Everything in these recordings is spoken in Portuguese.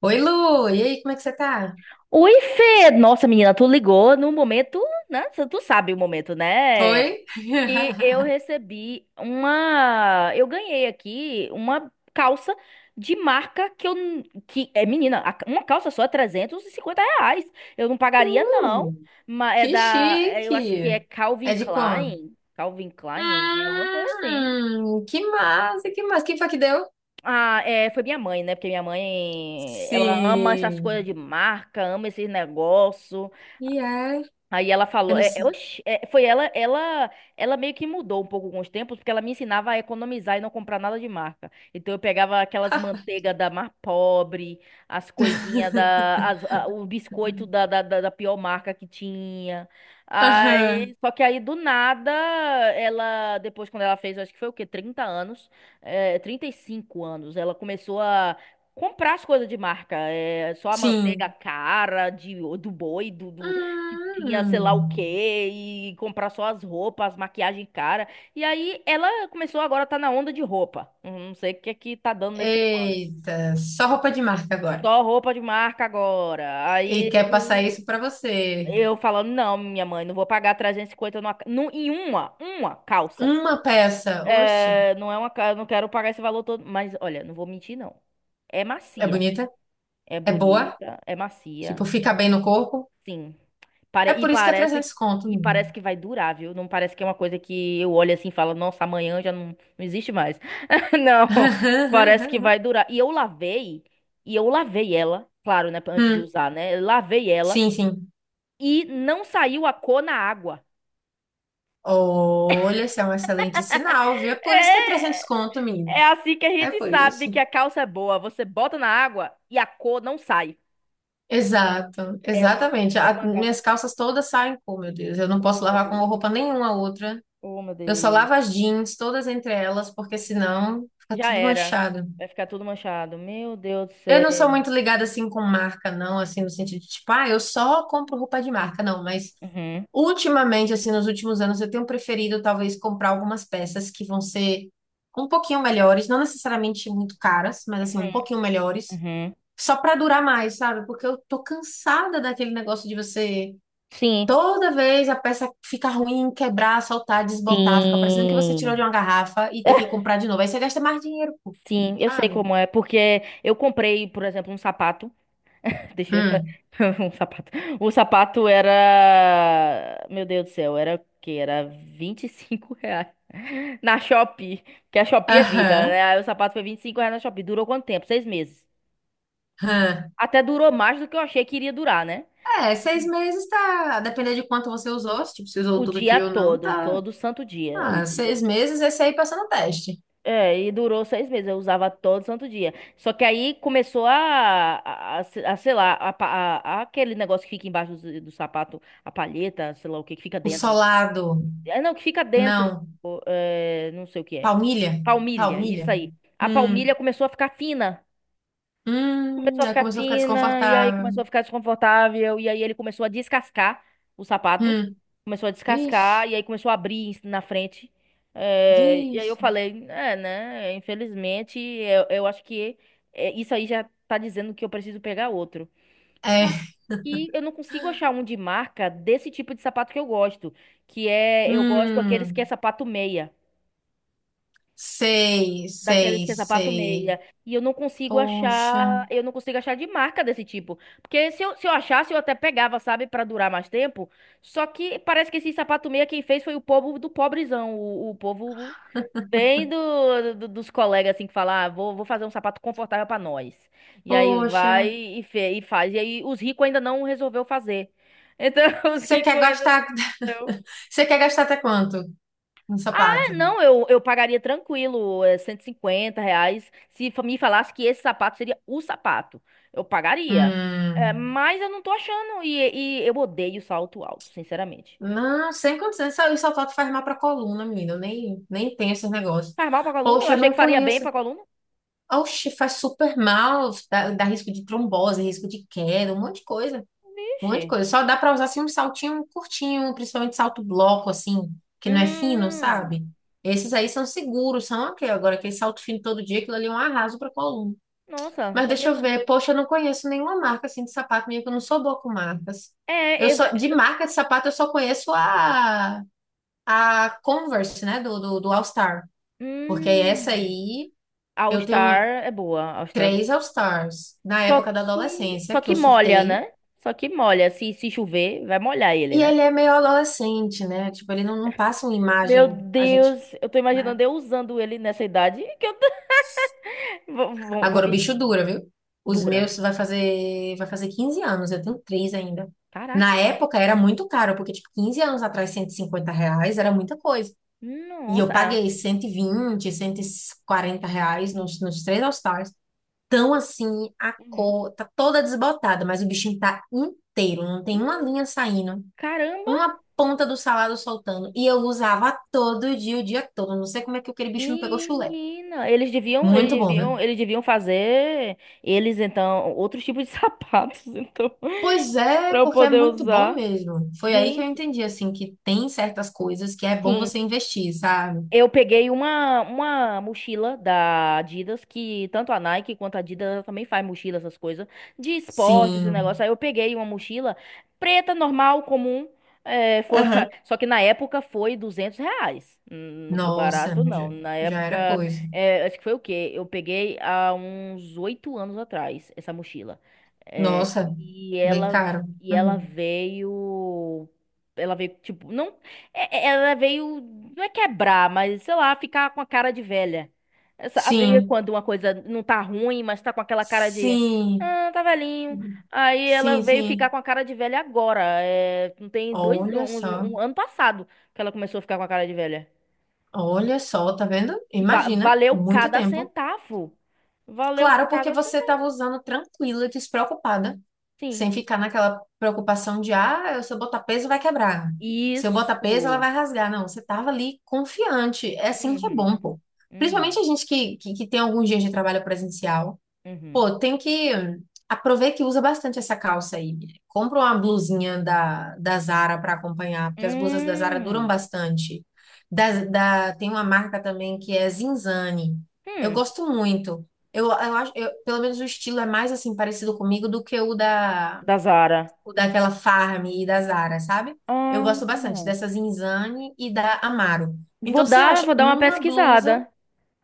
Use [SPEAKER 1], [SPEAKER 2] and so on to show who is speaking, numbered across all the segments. [SPEAKER 1] Oi, Lu! E aí, como é que você tá?
[SPEAKER 2] Oi, Fê! Nossa, menina, tu ligou num momento, né? Tu sabe o momento, né?
[SPEAKER 1] Foi?
[SPEAKER 2] Que eu recebi uma. Eu ganhei aqui uma calça de marca Que é, menina, uma calça só é R$ 350. Eu não pagaria, não.
[SPEAKER 1] Uh, que
[SPEAKER 2] Eu acho que é
[SPEAKER 1] chique!
[SPEAKER 2] Calvin
[SPEAKER 1] É de como?
[SPEAKER 2] Klein. Calvin Klein? É alguma coisa assim.
[SPEAKER 1] Que massa, que massa. Quem foi que deu?
[SPEAKER 2] Ah, é, foi minha mãe, né? Porque minha mãe, ela ama essas coisas de
[SPEAKER 1] Sim.
[SPEAKER 2] marca, ama esses negócios.
[SPEAKER 1] E é?
[SPEAKER 2] Aí ela
[SPEAKER 1] Eu
[SPEAKER 2] falou,
[SPEAKER 1] não sei.
[SPEAKER 2] oxi, é, foi ela, ela meio que mudou um pouco com os tempos, porque ela me ensinava a economizar e não comprar nada de marca. Então eu pegava aquelas manteiga da mais pobre, as coisinhas o biscoito da pior marca que tinha.
[SPEAKER 1] Aham,
[SPEAKER 2] Aí, só que aí do nada, ela, depois quando ela fez, acho que foi o quê? 30 anos, é, 35 anos, ela começou a comprar as coisas de marca, é, só a manteiga
[SPEAKER 1] sim.
[SPEAKER 2] cara do boi, que tinha sei lá o
[SPEAKER 1] Hum.
[SPEAKER 2] quê e comprar só as roupas, as maquiagem cara. E aí ela começou agora a tá na onda de roupa. Não sei o que é que tá dando nesse ser humano.
[SPEAKER 1] Eita, só roupa de marca agora.
[SPEAKER 2] Só roupa de marca agora.
[SPEAKER 1] E quer
[SPEAKER 2] Aí
[SPEAKER 1] passar isso pra você.
[SPEAKER 2] eu falando, não, minha mãe, não vou pagar 350 em uma calça.
[SPEAKER 1] Uma peça, oxe,
[SPEAKER 2] É, não é uma, ca- eu não quero pagar esse valor todo, mas olha, não vou mentir, não. É
[SPEAKER 1] é
[SPEAKER 2] macia,
[SPEAKER 1] bonita,
[SPEAKER 2] é
[SPEAKER 1] é boa,
[SPEAKER 2] bonita, é macia.
[SPEAKER 1] tipo, fica bem no corpo.
[SPEAKER 2] Sim. Pare-
[SPEAKER 1] É
[SPEAKER 2] E
[SPEAKER 1] por isso que é
[SPEAKER 2] parece,
[SPEAKER 1] trezentos conto,
[SPEAKER 2] e parece
[SPEAKER 1] menino.
[SPEAKER 2] que vai durar, viu? Não parece que é uma coisa que eu olho assim e falo, nossa, amanhã já não, não existe mais. Não, parece que vai durar. E eu lavei ela, claro, né, antes de
[SPEAKER 1] Hum,
[SPEAKER 2] usar, né? Eu lavei ela
[SPEAKER 1] sim, sim.
[SPEAKER 2] e não saiu a cor na água.
[SPEAKER 1] Olha, isso é um excelente sinal, viu? É por isso que é 300
[SPEAKER 2] É,
[SPEAKER 1] conto, menina.
[SPEAKER 2] é, assim que a
[SPEAKER 1] É
[SPEAKER 2] gente
[SPEAKER 1] por
[SPEAKER 2] sabe
[SPEAKER 1] isso.
[SPEAKER 2] que a calça é boa. Você bota na água e a cor não sai.
[SPEAKER 1] Exato,
[SPEAKER 2] É uma,
[SPEAKER 1] exatamente.
[SPEAKER 2] é uma calça
[SPEAKER 1] Minhas
[SPEAKER 2] boa.
[SPEAKER 1] calças todas saem com, meu Deus. Eu não
[SPEAKER 2] Oh,
[SPEAKER 1] posso
[SPEAKER 2] meu
[SPEAKER 1] lavar com
[SPEAKER 2] Deus.
[SPEAKER 1] roupa nenhuma outra.
[SPEAKER 2] Oh, meu
[SPEAKER 1] Eu só
[SPEAKER 2] Deus.
[SPEAKER 1] lavo as jeans, todas entre elas, porque
[SPEAKER 2] Uhum.
[SPEAKER 1] senão fica
[SPEAKER 2] Já
[SPEAKER 1] tudo
[SPEAKER 2] era.
[SPEAKER 1] manchado.
[SPEAKER 2] Vai ficar tudo manchado. Meu Deus do
[SPEAKER 1] Eu não sou
[SPEAKER 2] céu.
[SPEAKER 1] muito ligada assim com marca, não, assim, no sentido de tipo, ah, eu só compro roupa de marca, não, mas
[SPEAKER 2] Uhum,
[SPEAKER 1] ultimamente, assim, nos últimos anos, eu tenho preferido talvez comprar algumas peças que vão ser um pouquinho melhores, não necessariamente muito caras, mas assim, um pouquinho melhores,
[SPEAKER 2] uhum.
[SPEAKER 1] só para durar mais, sabe? Porque eu tô cansada daquele negócio de você
[SPEAKER 2] Sim,
[SPEAKER 1] toda vez a peça fica ruim, quebrar, soltar, desbotar, fica parecendo que você tirou de
[SPEAKER 2] sim,
[SPEAKER 1] uma garrafa e tem que comprar de novo. Aí você gasta mais dinheiro, pô,
[SPEAKER 2] sim, eu sei
[SPEAKER 1] sabe?
[SPEAKER 2] como é, porque eu comprei, por exemplo, um sapato. Deixa eu...
[SPEAKER 1] Hum.
[SPEAKER 2] um sapato. O sapato era, meu Deus do céu, era o quê? Era R$ 25 na Shopee, porque a Shopee é vida,
[SPEAKER 1] Aham.
[SPEAKER 2] né? Aí o sapato foi R$ 25 na Shopee. Durou quanto tempo? 6 meses.
[SPEAKER 1] Hã.
[SPEAKER 2] Até durou mais do que eu achei que iria durar, né?
[SPEAKER 1] É, 6 meses tá. Dependendo de quanto você usou, se tipo, você usou
[SPEAKER 2] O
[SPEAKER 1] todo
[SPEAKER 2] dia
[SPEAKER 1] dia ou não,
[SPEAKER 2] todo,
[SPEAKER 1] tá.
[SPEAKER 2] todo santo dia.
[SPEAKER 1] Ah, 6 meses, esse aí passa no teste.
[SPEAKER 2] É, e durou 6 meses. Eu usava todo santo dia. Só que aí começou a, a, a- sei lá, a, aquele negócio que fica embaixo do sapato, a palheta, sei lá o que, que fica
[SPEAKER 1] O
[SPEAKER 2] dentro.
[SPEAKER 1] solado,
[SPEAKER 2] É, não, que fica dentro.
[SPEAKER 1] não.
[SPEAKER 2] É, não sei o que é.
[SPEAKER 1] Palmilha?
[SPEAKER 2] Palmilha, isso
[SPEAKER 1] Palmilha?
[SPEAKER 2] aí. A
[SPEAKER 1] Hum,
[SPEAKER 2] palmilha começou a ficar fina. Começou a
[SPEAKER 1] Aí
[SPEAKER 2] ficar
[SPEAKER 1] começou a ficar
[SPEAKER 2] fina, e aí
[SPEAKER 1] desconfortável.
[SPEAKER 2] começou a ficar desconfortável, e aí ele começou a descascar o sapato.
[SPEAKER 1] Hum,
[SPEAKER 2] Começou a descascar,
[SPEAKER 1] vixe,
[SPEAKER 2] e aí começou a abrir na frente. É, e aí eu
[SPEAKER 1] vixe.
[SPEAKER 2] falei, é, né? Infelizmente, eu acho que é, isso aí já tá dizendo que eu preciso pegar outro. Só
[SPEAKER 1] É,
[SPEAKER 2] que eu não consigo achar um de marca desse tipo de sapato que eu gosto. Que é, eu gosto daqueles que é
[SPEAKER 1] hum.
[SPEAKER 2] sapato meia.
[SPEAKER 1] Sei,
[SPEAKER 2] Daqueles
[SPEAKER 1] sei,
[SPEAKER 2] que é sapato
[SPEAKER 1] sei.
[SPEAKER 2] meia. E eu não consigo
[SPEAKER 1] Poxa,
[SPEAKER 2] achar, eu não consigo achar de marca desse tipo. Porque se eu achasse, eu até pegava, sabe, pra durar mais tempo. Só que parece que esse sapato meia quem fez foi o povo do pobrezão, o povo bem dos colegas assim que fala, ah, vou fazer um sapato confortável pra nós. E aí
[SPEAKER 1] poxa.
[SPEAKER 2] vai e, e faz. E aí os ricos ainda não resolveu fazer. Então os
[SPEAKER 1] Você quer
[SPEAKER 2] ricos ainda
[SPEAKER 1] gastar,
[SPEAKER 2] não
[SPEAKER 1] você quer gastar até quanto no
[SPEAKER 2] ah,
[SPEAKER 1] sapato?
[SPEAKER 2] não, eu pagaria tranquilo, é, R$ 150. Se me falasse que esse sapato seria o sapato, eu pagaria. É,
[SPEAKER 1] Hum.
[SPEAKER 2] mas eu não tô achando. E eu odeio salto alto, sinceramente.
[SPEAKER 1] Não, sem condições. Isso só falta faz mal pra coluna, menina. Eu nem tenho esses negócios.
[SPEAKER 2] Faz mal pra coluna? Eu
[SPEAKER 1] Poxa, eu
[SPEAKER 2] achei
[SPEAKER 1] não
[SPEAKER 2] que faria bem
[SPEAKER 1] conheço.
[SPEAKER 2] pra coluna.
[SPEAKER 1] Oxe, faz super mal. Dá risco de trombose, risco de queda, um monte de coisa. Um monte de
[SPEAKER 2] Vixe.
[SPEAKER 1] coisa. Só dá pra usar assim um saltinho curtinho, principalmente salto bloco, assim, que não é fino,
[SPEAKER 2] Hum,
[SPEAKER 1] sabe? Esses aí são seguros, são ok. Agora, aquele salto fino todo dia, aquilo ali é um arraso pra coluna.
[SPEAKER 2] nossa,
[SPEAKER 1] Mas deixa
[SPEAKER 2] sabia
[SPEAKER 1] eu
[SPEAKER 2] não.
[SPEAKER 1] ver. Poxa, eu não conheço nenhuma marca assim de sapato minha, que eu não sou boa com marcas. Eu
[SPEAKER 2] É, eu-
[SPEAKER 1] só,
[SPEAKER 2] eh,
[SPEAKER 1] de marca de sapato, eu só conheço a Converse, né, do All Star. Porque essa
[SPEAKER 2] hum,
[SPEAKER 1] aí,
[SPEAKER 2] All
[SPEAKER 1] eu tenho
[SPEAKER 2] Star é boa, All Star é boa.
[SPEAKER 1] três All Stars na
[SPEAKER 2] Só
[SPEAKER 1] época da
[SPEAKER 2] que,
[SPEAKER 1] adolescência,
[SPEAKER 2] só
[SPEAKER 1] que
[SPEAKER 2] que
[SPEAKER 1] eu
[SPEAKER 2] molha,
[SPEAKER 1] surtei.
[SPEAKER 2] né? Só que molha. Se chover, vai molhar ele,
[SPEAKER 1] E
[SPEAKER 2] né?
[SPEAKER 1] ele é meio adolescente, né? Tipo, ele não passa uma
[SPEAKER 2] Meu
[SPEAKER 1] imagem, a gente,
[SPEAKER 2] Deus, eu tô
[SPEAKER 1] né?
[SPEAKER 2] imaginando eu usando ele nessa idade que eu vou
[SPEAKER 1] Agora o
[SPEAKER 2] me
[SPEAKER 1] bicho dura, viu? Os
[SPEAKER 2] dura.
[SPEAKER 1] meus vai fazer 15 anos, eu tenho três ainda. Na
[SPEAKER 2] Caraca.
[SPEAKER 1] época era muito caro, porque, tipo, 15 anos atrás, R$ 150 era muita coisa. E
[SPEAKER 2] Nossa.
[SPEAKER 1] eu
[SPEAKER 2] Ah.
[SPEAKER 1] paguei cento e vinte R$ 140 nos três all tão assim, a
[SPEAKER 2] Uhum.
[SPEAKER 1] cor tá toda desbotada, mas o bichinho tá inteiro, não tem uma
[SPEAKER 2] Hum,
[SPEAKER 1] linha saindo,
[SPEAKER 2] Caramba,
[SPEAKER 1] uma ponta do salado soltando. E eu usava todo dia, o dia todo. Não sei como é que aquele bicho não pegou chulé.
[SPEAKER 2] menina. Eles deviam, eles
[SPEAKER 1] Muito bom, viu?
[SPEAKER 2] deviam, eles deviam fazer eles então outros tipos de sapatos então
[SPEAKER 1] Pois é,
[SPEAKER 2] para eu
[SPEAKER 1] porque é
[SPEAKER 2] poder
[SPEAKER 1] muito bom
[SPEAKER 2] usar.
[SPEAKER 1] mesmo. Foi aí que eu
[SPEAKER 2] Gente,
[SPEAKER 1] entendi, assim, que tem certas coisas que é bom
[SPEAKER 2] sim.
[SPEAKER 1] você investir, sabe?
[SPEAKER 2] Eu peguei uma mochila da Adidas, que tanto a Nike quanto a Adidas ela também faz mochila, essas coisas, de esporte, esse negócio.
[SPEAKER 1] Sim.
[SPEAKER 2] Aí eu peguei uma mochila preta, normal, comum. é, foi-
[SPEAKER 1] Aham.
[SPEAKER 2] Só que na época foi R$ 200. Não foi
[SPEAKER 1] Nossa,
[SPEAKER 2] barato, não. Na
[SPEAKER 1] já era
[SPEAKER 2] época,
[SPEAKER 1] coisa.
[SPEAKER 2] é, acho que foi o quê? Eu peguei há uns 8 anos atrás essa mochila. É,
[SPEAKER 1] Nossa,
[SPEAKER 2] e
[SPEAKER 1] bem
[SPEAKER 2] ela,
[SPEAKER 1] caro.
[SPEAKER 2] e ela
[SPEAKER 1] Uhum.
[SPEAKER 2] veio. Ela veio, tipo, não. Ela veio, não é quebrar, mas sei lá, ficar com a cara de velha. É, sabe
[SPEAKER 1] Sim,
[SPEAKER 2] quando uma coisa não tá ruim, mas tá com aquela cara de.
[SPEAKER 1] sim,
[SPEAKER 2] Ah, tá velhinho. Aí ela
[SPEAKER 1] sim,
[SPEAKER 2] veio ficar
[SPEAKER 1] sim.
[SPEAKER 2] com a cara de velha agora. É, não tem dois.
[SPEAKER 1] Olha só,
[SPEAKER 2] Um ano passado que ela começou a ficar com a cara de velha.
[SPEAKER 1] olha só, tá vendo?
[SPEAKER 2] E
[SPEAKER 1] Imagina,
[SPEAKER 2] valeu
[SPEAKER 1] muito
[SPEAKER 2] cada
[SPEAKER 1] tempo.
[SPEAKER 2] centavo. Valeu
[SPEAKER 1] Claro, porque
[SPEAKER 2] cada
[SPEAKER 1] você estava
[SPEAKER 2] centavo.
[SPEAKER 1] usando tranquila, despreocupada,
[SPEAKER 2] Sim.
[SPEAKER 1] sem ficar naquela preocupação de, ah, se eu botar peso vai quebrar. Se eu botar peso ela
[SPEAKER 2] Isso.
[SPEAKER 1] vai rasgar. Não, você estava ali confiante. É assim que é bom,
[SPEAKER 2] Uhum.
[SPEAKER 1] pô. Principalmente a
[SPEAKER 2] Uhum.
[SPEAKER 1] gente que tem alguns dias de trabalho presencial.
[SPEAKER 2] Uhum.
[SPEAKER 1] Pô, tem que. Aproveita que usa bastante essa calça aí. Compra uma blusinha da Zara para acompanhar, porque as blusas da Zara duram
[SPEAKER 2] Hum.
[SPEAKER 1] bastante. Tem uma marca também que é Zinzane. Eu
[SPEAKER 2] Hum.
[SPEAKER 1] gosto muito. Eu acho, pelo menos o estilo é mais assim parecido comigo do que
[SPEAKER 2] Da Zara.
[SPEAKER 1] o daquela Farm e da Zara, sabe? Eu
[SPEAKER 2] Ah.
[SPEAKER 1] gosto bastante dessa Zinzane e da Amaro.
[SPEAKER 2] Vou
[SPEAKER 1] Então você
[SPEAKER 2] dar,
[SPEAKER 1] acha
[SPEAKER 2] vou dar uma
[SPEAKER 1] uma blusa
[SPEAKER 2] pesquisada.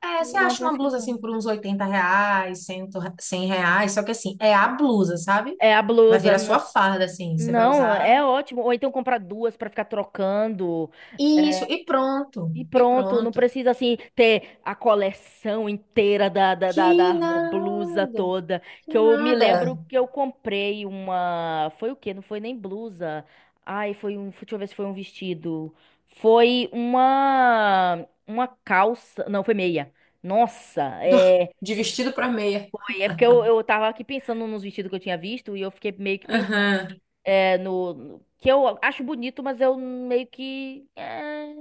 [SPEAKER 1] é, você
[SPEAKER 2] Vou dar uma
[SPEAKER 1] acha uma blusa assim
[SPEAKER 2] pesquisada.
[SPEAKER 1] por uns R$ 80, 100, R$ 100, só que assim, é a blusa, sabe?
[SPEAKER 2] É a
[SPEAKER 1] Vai
[SPEAKER 2] blusa,
[SPEAKER 1] virar sua
[SPEAKER 2] não.
[SPEAKER 1] farda, assim, você vai
[SPEAKER 2] Não,
[SPEAKER 1] usar
[SPEAKER 2] é ótimo. Ou então comprar duas pra ficar trocando.
[SPEAKER 1] isso,
[SPEAKER 2] É,
[SPEAKER 1] e pronto,
[SPEAKER 2] e
[SPEAKER 1] e
[SPEAKER 2] pronto, não
[SPEAKER 1] pronto.
[SPEAKER 2] precisa assim ter a coleção inteira da
[SPEAKER 1] Que
[SPEAKER 2] blusa
[SPEAKER 1] nada,
[SPEAKER 2] toda.
[SPEAKER 1] que
[SPEAKER 2] Que eu me
[SPEAKER 1] nada.
[SPEAKER 2] lembro que eu comprei uma. Foi o quê? Não foi nem blusa. Ai, foi um. Deixa eu ver se foi um vestido. Foi uma. Uma calça. Não, foi meia. Nossa,
[SPEAKER 1] Do-
[SPEAKER 2] é.
[SPEAKER 1] De vestido para meia.
[SPEAKER 2] É porque eu tava aqui pensando nos vestidos que eu tinha visto e eu fiquei meio que pensando
[SPEAKER 1] Aham.
[SPEAKER 2] é, que eu acho bonito, mas eu meio que é,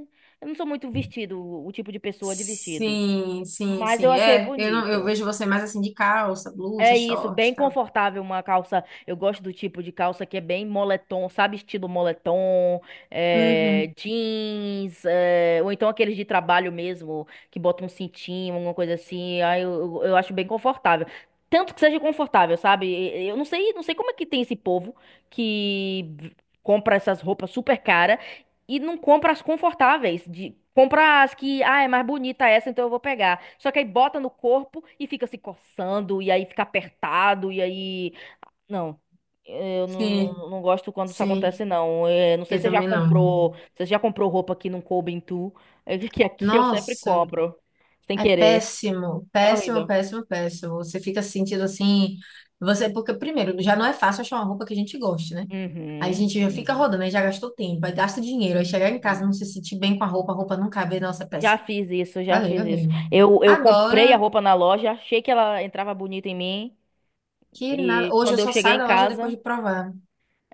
[SPEAKER 2] eu não sou muito vestido, o tipo de pessoa de vestido.
[SPEAKER 1] Sim, sim,
[SPEAKER 2] Mas eu
[SPEAKER 1] sim.
[SPEAKER 2] achei
[SPEAKER 1] É, eu não, eu
[SPEAKER 2] bonito.
[SPEAKER 1] vejo você mais assim de calça, blusa,
[SPEAKER 2] É isso,
[SPEAKER 1] short
[SPEAKER 2] bem
[SPEAKER 1] e tal.
[SPEAKER 2] confortável uma calça. Eu gosto do tipo de calça que é bem moletom, sabe? Estilo moletom, é,
[SPEAKER 1] Uhum.
[SPEAKER 2] jeans, é, ou então aqueles de trabalho mesmo, que botam um cintinho, alguma coisa assim. Aí eu, eu acho bem confortável. Tanto que seja confortável, sabe? Eu não sei, não sei como é que tem esse povo que compra essas roupas super caras e não compra as confortáveis. De, compra as que, ah, é mais bonita essa, então eu vou pegar. Só que aí bota no corpo e fica se coçando, e aí fica apertado, e aí. Não. Eu não,
[SPEAKER 1] Sim,
[SPEAKER 2] não gosto quando isso
[SPEAKER 1] sim.
[SPEAKER 2] acontece, não. É, não sei
[SPEAKER 1] Eu
[SPEAKER 2] se você já
[SPEAKER 1] também não.
[SPEAKER 2] comprou. Se você já comprou roupa que não coube em tu. É que aqui eu sempre
[SPEAKER 1] Nossa.
[SPEAKER 2] compro. Sem
[SPEAKER 1] É
[SPEAKER 2] querer.
[SPEAKER 1] péssimo,
[SPEAKER 2] É
[SPEAKER 1] péssimo,
[SPEAKER 2] horrível.
[SPEAKER 1] péssimo, péssimo. Você fica se sentindo assim, você porque primeiro já não é fácil achar uma roupa que a gente goste, né? Aí a
[SPEAKER 2] Uhum,
[SPEAKER 1] gente já fica
[SPEAKER 2] uhum,
[SPEAKER 1] rodando, aí já gastou tempo, aí gasta dinheiro, aí chegar em casa
[SPEAKER 2] uhum.
[SPEAKER 1] não se sentir bem com a roupa não cabe, nossa, é
[SPEAKER 2] Já
[SPEAKER 1] péssimo.
[SPEAKER 2] fiz isso, já
[SPEAKER 1] Valeu,
[SPEAKER 2] fiz isso.
[SPEAKER 1] valeu.
[SPEAKER 2] Eu comprei a
[SPEAKER 1] Agora
[SPEAKER 2] roupa na loja, achei que ela entrava bonita em mim.
[SPEAKER 1] que nada,
[SPEAKER 2] E
[SPEAKER 1] hoje eu
[SPEAKER 2] quando eu
[SPEAKER 1] só
[SPEAKER 2] cheguei
[SPEAKER 1] saio
[SPEAKER 2] em
[SPEAKER 1] da loja depois
[SPEAKER 2] casa,
[SPEAKER 1] de provar.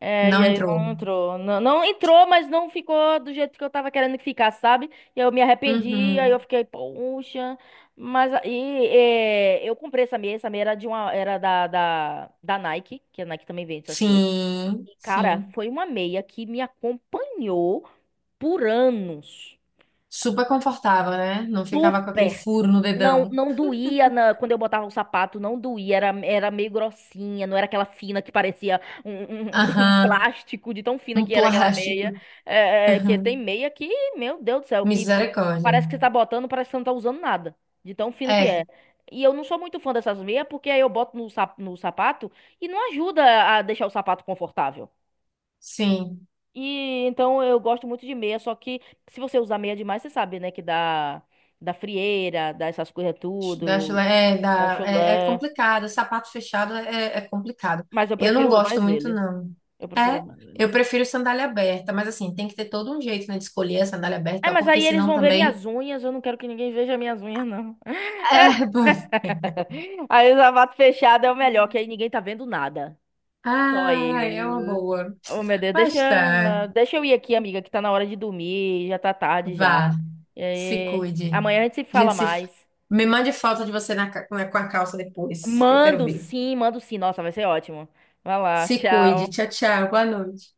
[SPEAKER 2] é, e
[SPEAKER 1] Não
[SPEAKER 2] aí
[SPEAKER 1] entrou.
[SPEAKER 2] não entrou. Não, não entrou, mas não ficou do jeito que eu tava querendo que ficasse, sabe? E eu me arrependi, aí eu
[SPEAKER 1] Uhum.
[SPEAKER 2] fiquei, poxa. Mas aí é, eu comprei essa meia era de uma, era da Nike, que a Nike também vende essas coisas.
[SPEAKER 1] Sim,
[SPEAKER 2] E, cara,
[SPEAKER 1] sim.
[SPEAKER 2] foi uma meia que me acompanhou por anos.
[SPEAKER 1] Super confortável, né? Não ficava com aquele
[SPEAKER 2] Super.
[SPEAKER 1] furo no
[SPEAKER 2] Não,
[SPEAKER 1] dedão.
[SPEAKER 2] não doía quando eu botava o sapato, não doía, era meio grossinha, não era aquela fina que parecia um, um- um
[SPEAKER 1] Aham,
[SPEAKER 2] plástico, de tão fina
[SPEAKER 1] um
[SPEAKER 2] que era aquela meia.
[SPEAKER 1] plástico.
[SPEAKER 2] Que tem
[SPEAKER 1] Aham.
[SPEAKER 2] meia que, meu Deus do céu, que
[SPEAKER 1] Misericórdia.
[SPEAKER 2] parece que você tá botando, parece que você não tá usando nada, de tão fino que
[SPEAKER 1] É.
[SPEAKER 2] é. E eu não sou muito fã dessas meias, porque aí eu boto no sapato e não ajuda a deixar o sapato confortável.
[SPEAKER 1] Sim,
[SPEAKER 2] E então eu gosto muito de meia, só que se você usar meia demais, você sabe, né, que dá da frieira, dá essas coisas
[SPEAKER 1] da chula
[SPEAKER 2] tudo.
[SPEAKER 1] é,
[SPEAKER 2] É
[SPEAKER 1] da, é
[SPEAKER 2] chulé.
[SPEAKER 1] complicado, sapato fechado é complicado.
[SPEAKER 2] Mas eu
[SPEAKER 1] Eu não
[SPEAKER 2] prefiro
[SPEAKER 1] gosto
[SPEAKER 2] mais
[SPEAKER 1] muito,
[SPEAKER 2] eles.
[SPEAKER 1] não.
[SPEAKER 2] Eu prefiro
[SPEAKER 1] É,
[SPEAKER 2] mais eles.
[SPEAKER 1] eu prefiro sandália aberta, mas assim, tem que ter todo um jeito, né, de escolher a sandália aberta, e
[SPEAKER 2] É,
[SPEAKER 1] tal,
[SPEAKER 2] mas
[SPEAKER 1] porque
[SPEAKER 2] aí eles
[SPEAKER 1] senão
[SPEAKER 2] vão ver
[SPEAKER 1] também.
[SPEAKER 2] minhas unhas. Eu não quero que ninguém veja minhas unhas, não.
[SPEAKER 1] É, bom.
[SPEAKER 2] Aí o sapato fechado é o melhor, que aí ninguém tá vendo nada. Só
[SPEAKER 1] Ah, é
[SPEAKER 2] eu.
[SPEAKER 1] uma boa.
[SPEAKER 2] Oh, meu Deus,
[SPEAKER 1] Mas tá,
[SPEAKER 2] deixa eu ir aqui, amiga, que tá na hora de dormir. Já tá tarde já.
[SPEAKER 1] vá,
[SPEAKER 2] E
[SPEAKER 1] se
[SPEAKER 2] aí,
[SPEAKER 1] cuide.
[SPEAKER 2] amanhã a gente se
[SPEAKER 1] A
[SPEAKER 2] fala
[SPEAKER 1] gente se. Fa-
[SPEAKER 2] mais.
[SPEAKER 1] Me mande foto de você com a calça depois, que eu quero
[SPEAKER 2] Mando
[SPEAKER 1] ver.
[SPEAKER 2] sim, mando sim. Nossa, vai ser ótimo. Vai lá,
[SPEAKER 1] Se cuide.
[SPEAKER 2] tchau.
[SPEAKER 1] Tchau, tchau. Boa noite.